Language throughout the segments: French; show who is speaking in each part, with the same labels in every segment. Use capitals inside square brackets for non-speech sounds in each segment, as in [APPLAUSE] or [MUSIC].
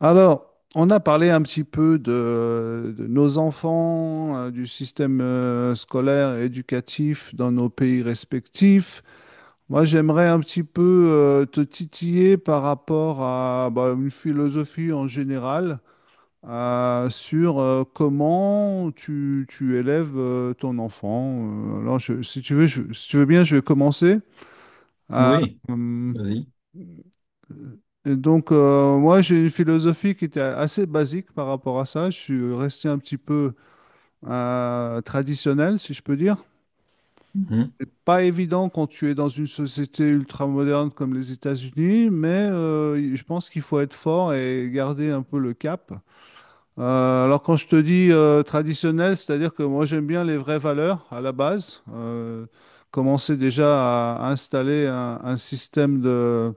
Speaker 1: Alors, on a parlé un petit peu de nos enfants, du système scolaire et éducatif dans nos pays respectifs. Moi, j'aimerais un petit peu te titiller par rapport à bah, une philosophie en général sur comment tu élèves ton enfant. Si tu veux, si tu veux bien, je vais commencer. Euh,
Speaker 2: Oui,
Speaker 1: hum,
Speaker 2: vas-y.
Speaker 1: Et donc, moi, j'ai une philosophie qui était assez basique par rapport à ça. Je suis resté un petit peu traditionnel, si je peux dire.
Speaker 2: Mm.
Speaker 1: C'est pas évident quand tu es dans une société ultramoderne comme les États-Unis, mais je pense qu'il faut être fort et garder un peu le cap. Alors, quand je te dis traditionnel, c'est-à-dire que moi, j'aime bien les vraies valeurs à la base. Commencer déjà à installer un système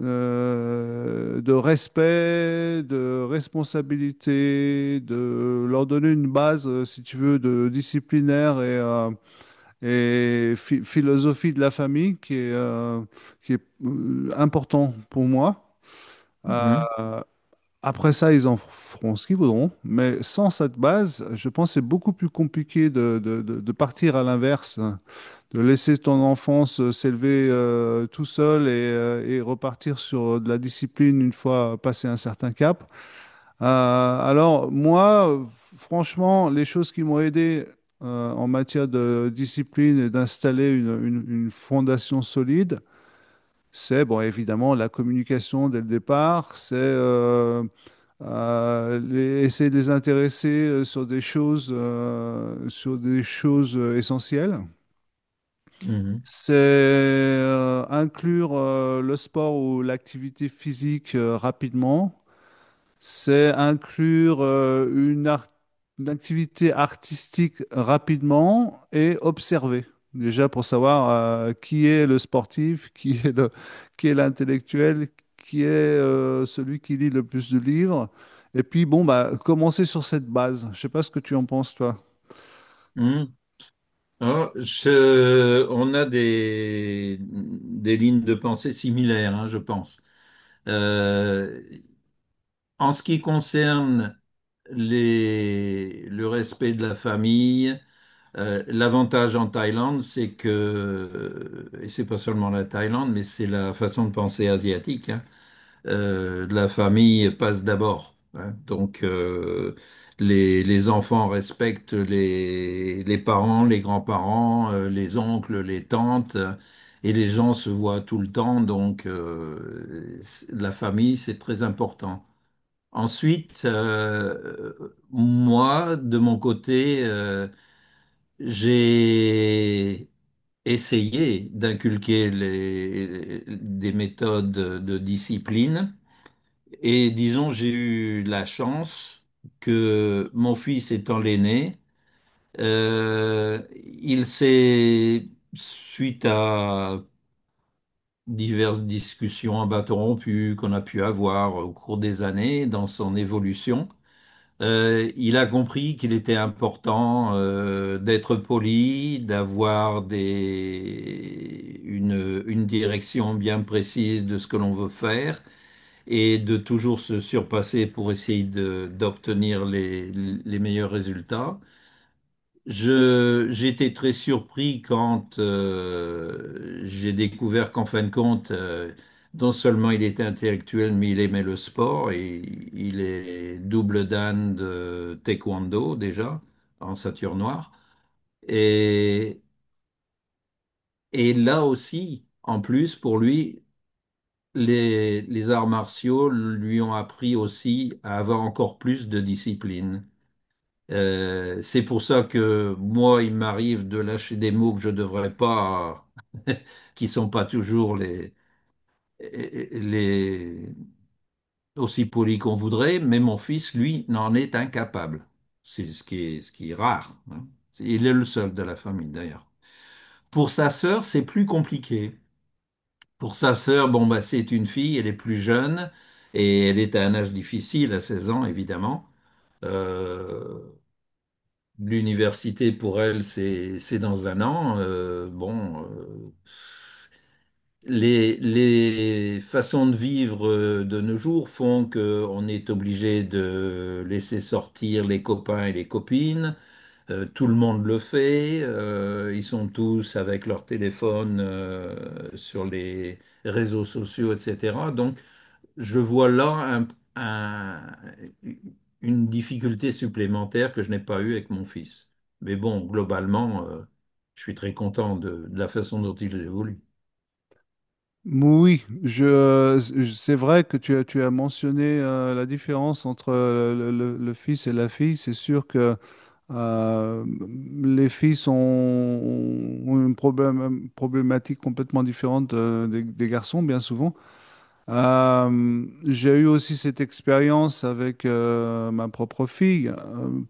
Speaker 1: de respect, de responsabilité, de leur donner une base, si tu veux, de disciplinaire et philosophie de la famille qui est, important pour moi.
Speaker 2: Mhm,
Speaker 1: Euh, après ça, ils en feront ce qu'ils voudront, mais sans cette base, je pense que c'est beaucoup plus compliqué de partir à l'inverse de laisser ton enfance s'élever tout seul et repartir sur de la discipline une fois passé un certain cap. Alors moi, franchement, les choses qui m'ont aidé en matière de discipline et d'installer une fondation solide, c'est bon, évidemment la communication dès le départ, essayer de les intéresser sur des choses, essentielles.
Speaker 2: mhm, Mm.
Speaker 1: C'est inclure le sport ou l'activité physique rapidement. C'est inclure une activité artistique rapidement et observer. Déjà pour savoir qui est le sportif, [LAUGHS] qui est l'intellectuel, qui est celui qui lit le plus de livres. Et puis bon, bah, commencer sur cette base. Je sais pas ce que tu en penses, toi.
Speaker 2: mhm, mhm. Je- on a des lignes de pensée similaires, hein, je pense. Euh, en ce qui concerne le respect de la famille, l'avantage en Thaïlande, c'est que, et c'est pas seulement la Thaïlande, mais c'est la façon de penser asiatique, hein, la famille passe d'abord, hein. Donc, les enfants respectent les parents, les grands-parents, les oncles, les tantes, et les gens se voient tout le temps. Donc, c'est- la famille, c'est très important. Ensuite, moi, de mon côté, j'ai essayé d'inculquer des méthodes de discipline et disons, j'ai eu la chance que mon fils étant l'aîné, euh, il s'est, suite à diverses discussions à bâton rompu qu'on a pu avoir au cours des années dans son évolution, il a compris qu'il était important d'être poli, d'avoir une direction bien précise de ce que l'on veut faire et de toujours se surpasser pour essayer de- d'obtenir les meilleurs résultats. J'étais très surpris quand j'ai découvert qu'en fin de compte, non seulement il était intellectuel, mais il aimait le sport et il est double dan de taekwondo déjà en ceinture noire. Et, et là aussi, en plus, pour lui, les arts martiaux lui ont appris aussi à avoir encore plus de discipline. C'est pour ça que moi, il m'arrive de lâcher des mots que je devrais pas, qui sont pas toujours les aussi polis qu'on voudrait, mais mon fils, lui, n'en est incapable. C'est ce qui est rare, hein. Il est le seul de la famille, d'ailleurs. Pour sa sœur, c'est plus compliqué. Pour sa sœur, bon, bah, c'est une fille, elle est plus jeune et elle est à un âge difficile, à 16 ans évidemment. Euh, l'université pour elle, c'est dans un an. Bon, les façons de vivre de nos jours font qu'on est obligé de laisser sortir les copains et les copines. Tout le monde le fait. Ils sont tous avec leur téléphone sur les réseaux sociaux, etc. Donc, je vois là un- une difficulté supplémentaire que je n'ai pas eue avec mon fils. Mais bon, globalement, je suis très content de la façon dont il évolue.
Speaker 1: Oui, c'est vrai que tu as mentionné la différence entre le fils et la fille. C'est sûr que euh, ont une problème, problématique complètement différente euh, des garçons, bien souvent. J'ai eu aussi cette expérience avec ma propre fille.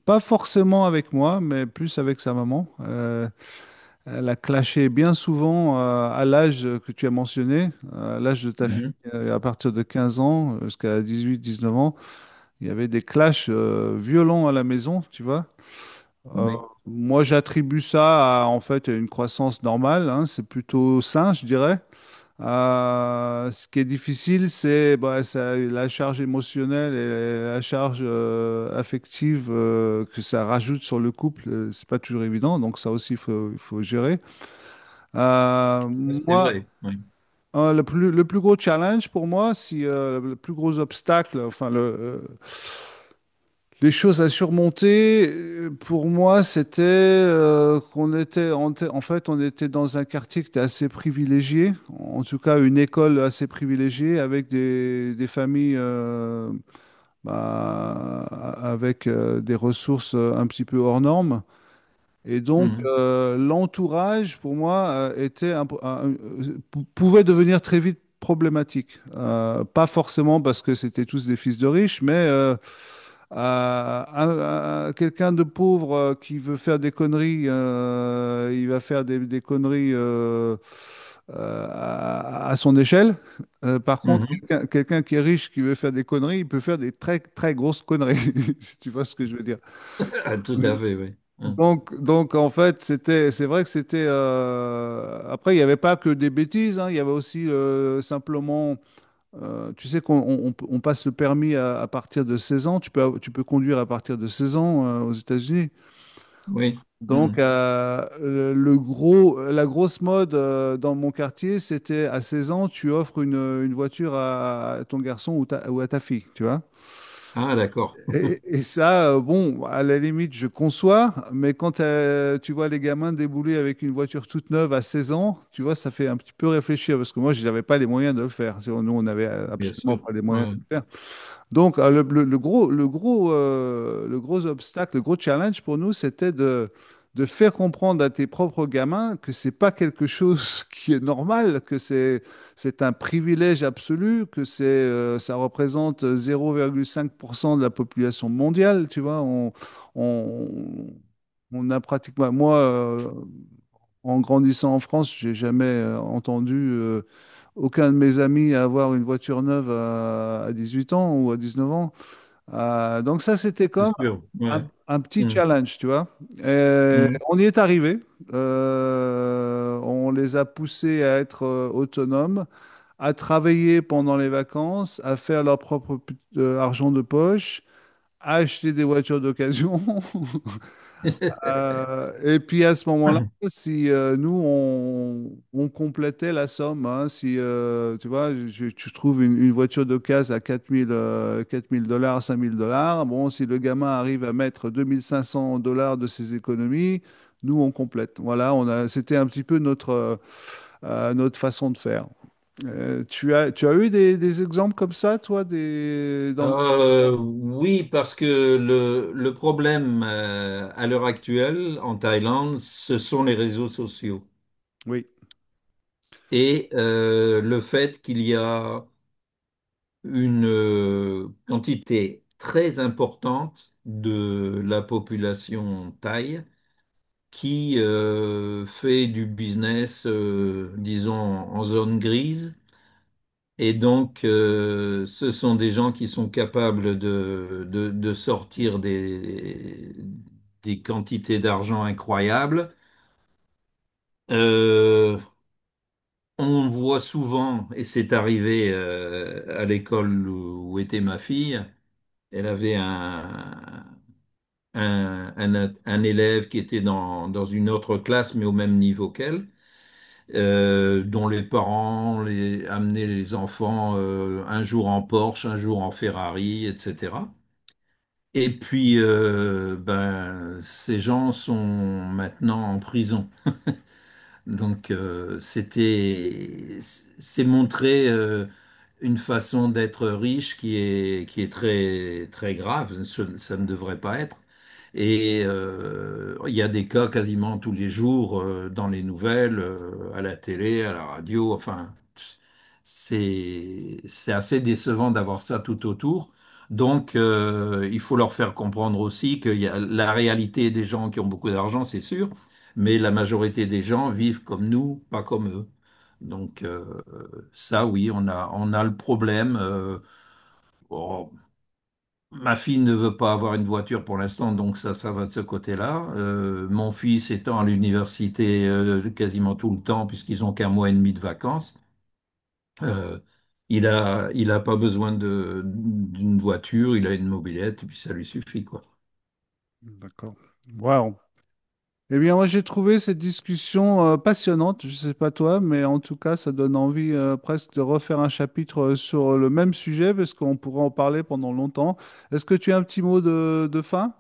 Speaker 1: Pas forcément avec moi, mais plus avec sa maman. Elle a clashé bien souvent à l'âge que tu as mentionné, à l'âge de ta fille,
Speaker 2: Mhm.
Speaker 1: à partir de 15 ans jusqu'à 18-19 ans. Il y avait des clashs violents à la maison, tu vois. Euh,
Speaker 2: Oui,
Speaker 1: moi, j'attribue ça à en fait une croissance normale, hein, c'est plutôt sain, je dirais. Ce qui est difficile, c'est bah, ça- la charge émotionnelle et la charge affective que ça rajoute sur le couple. Euh, c'est pas toujours évident, donc ça aussi, il faut gérer.
Speaker 2: c'est
Speaker 1: Moi,
Speaker 2: vrai. Oui.
Speaker 1: le plus gros challenge pour moi, si le plus gros obstacle, enfin le, les choses à surmonter, pour moi, c'était qu'on était, on était- en fait, on était dans un quartier qui était assez privilégié, en tout cas une école assez privilégiée, avec des familles bah, avec des ressources un petit peu hors normes. Et donc,
Speaker 2: Mhm.
Speaker 1: l'entourage, pour moi, était un- pou- pouvait devenir très vite problématique. Pas forcément parce que c'était tous des fils de riches, mais à quelqu'un de pauvre qui veut faire des conneries, il va faire des conneries à son échelle. Par contre,
Speaker 2: Mhm.
Speaker 1: quelqu'un qui est riche, qui veut faire des conneries, il peut faire des très, très grosses conneries, [LAUGHS] si tu vois ce que je veux dire.
Speaker 2: [LAUGHS] Tout à fait, oui, hein.
Speaker 1: Donc en fait, c'était, c'est vrai que c'était. Euh, après, il n'y avait pas que des bêtises, hein, il y avait aussi simplement. Euh, tu sais qu'on on passe le permis à partir de 16 ans. Tu peux conduire à partir de 16 ans aux États-Unis.
Speaker 2: Oui.
Speaker 1: Donc,
Speaker 2: Mhm.
Speaker 1: la grosse mode dans mon quartier, c'était à 16 ans, tu offres une voiture à ton garçon ou à ta fille, tu vois.
Speaker 2: Ah, d'accord.
Speaker 1: Et ça, bon, à la limite, je conçois, mais quand tu vois les gamins débouler avec une voiture toute neuve à 16 ans, tu vois, ça fait un petit peu réfléchir, parce que moi, je n'avais pas les moyens de le faire. Tu vois, nous, on n'avait
Speaker 2: Bien
Speaker 1: absolument
Speaker 2: sûr.
Speaker 1: pas les moyens
Speaker 2: Ouais,
Speaker 1: de le faire. Donc, le gros obstacle, le gros challenge pour nous, c'était de faire comprendre à tes propres gamins que c'est pas quelque chose [LAUGHS] qui est normal, que c'est un privilège absolu, que c'est, ça représente 0,5% de la population mondiale, tu vois. On, on a pratiquement, moi, en grandissant en France, j'ai jamais entendu aucun de mes amis avoir une voiture neuve à 18 ans ou à 19 ans. Donc ça, c'était
Speaker 2: c'est
Speaker 1: comme
Speaker 2: sûr. Ouais.
Speaker 1: un petit challenge, tu vois. Et
Speaker 2: Mhm. Mhm.
Speaker 1: on y est arrivé. On les a poussés à être autonomes, à travailler pendant les vacances, à faire leur propre argent de poche, à acheter des voitures d'occasion. [LAUGHS]
Speaker 2: [LAUGHS]
Speaker 1: Et puis à ce moment-là, si nous, on complétait la somme, hein, si tu vois, je, tu trouves une voiture d'occasion à 4 000 dollars, 5 000 dollars, bon, si le gamin arrive à mettre 2 500 dollars de ses économies, nous, on complète. Voilà, c'était un petit peu notre, notre façon de faire. Tu as eu des exemples comme ça, toi, des, dans...
Speaker 2: Oui, parce que le problème à l'heure actuelle en Thaïlande, ce sont les réseaux sociaux
Speaker 1: Oui,
Speaker 2: et le fait qu'il y a une quantité très importante de la population thaï qui fait du business, disons, en zone grise. Et donc, ce sont des gens qui sont capables de sortir des quantités d'argent incroyables. Euh, on voit souvent, et c'est arrivé à l'école où était ma fille. Elle avait un élève qui était dans une autre classe, mais au même niveau qu'elle, dont les parents amenaient les enfants un jour en Porsche, un jour en Ferrari, etc. Et puis, ben, ces gens sont maintenant en prison. Donc, c'est montrer une façon d'être riche qui est très, très grave. Ça ne devrait pas être. Et il y a des cas quasiment tous les jours dans les nouvelles, à la télé, à la radio. Enfin, c'est assez décevant d'avoir ça tout autour. Donc, il faut leur faire comprendre aussi que la réalité des gens qui ont beaucoup d'argent, c'est sûr, mais la majorité des gens vivent comme nous, pas comme eux. Donc ça, oui, on a le problème. Oh, Ma fille ne veut pas avoir une voiture pour l'instant, donc ça va de ce côté-là. Mon fils étant à l'université quasiment tout le temps, puisqu'ils ont qu'un mois et demi de vacances, euh, il a pas besoin d'une voiture, il a une mobilette, et puis ça lui suffit, quoi.
Speaker 1: d'accord. Ouais, on Eh bien, moi, j'ai trouvé cette discussion passionnante. Je ne sais pas toi, mais en tout cas, ça donne envie presque de refaire un chapitre sur le même sujet parce qu'on pourrait en parler pendant longtemps. Est-ce que tu as un petit mot de fin?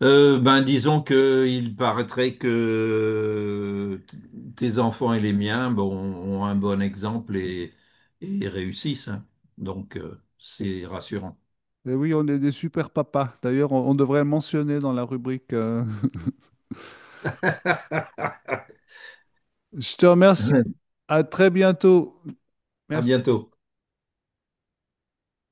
Speaker 2: Ben, disons que il paraîtrait que t- tes enfants et les miens, bon, ont un bon exemple et réussissent, hein. Donc, c'est rassurant.
Speaker 1: Eh oui, on est des super papas. D'ailleurs, on devrait le mentionner dans la rubrique.
Speaker 2: [LAUGHS]
Speaker 1: [LAUGHS] Je te remercie. À très bientôt.
Speaker 2: À
Speaker 1: Merci.
Speaker 2: bientôt.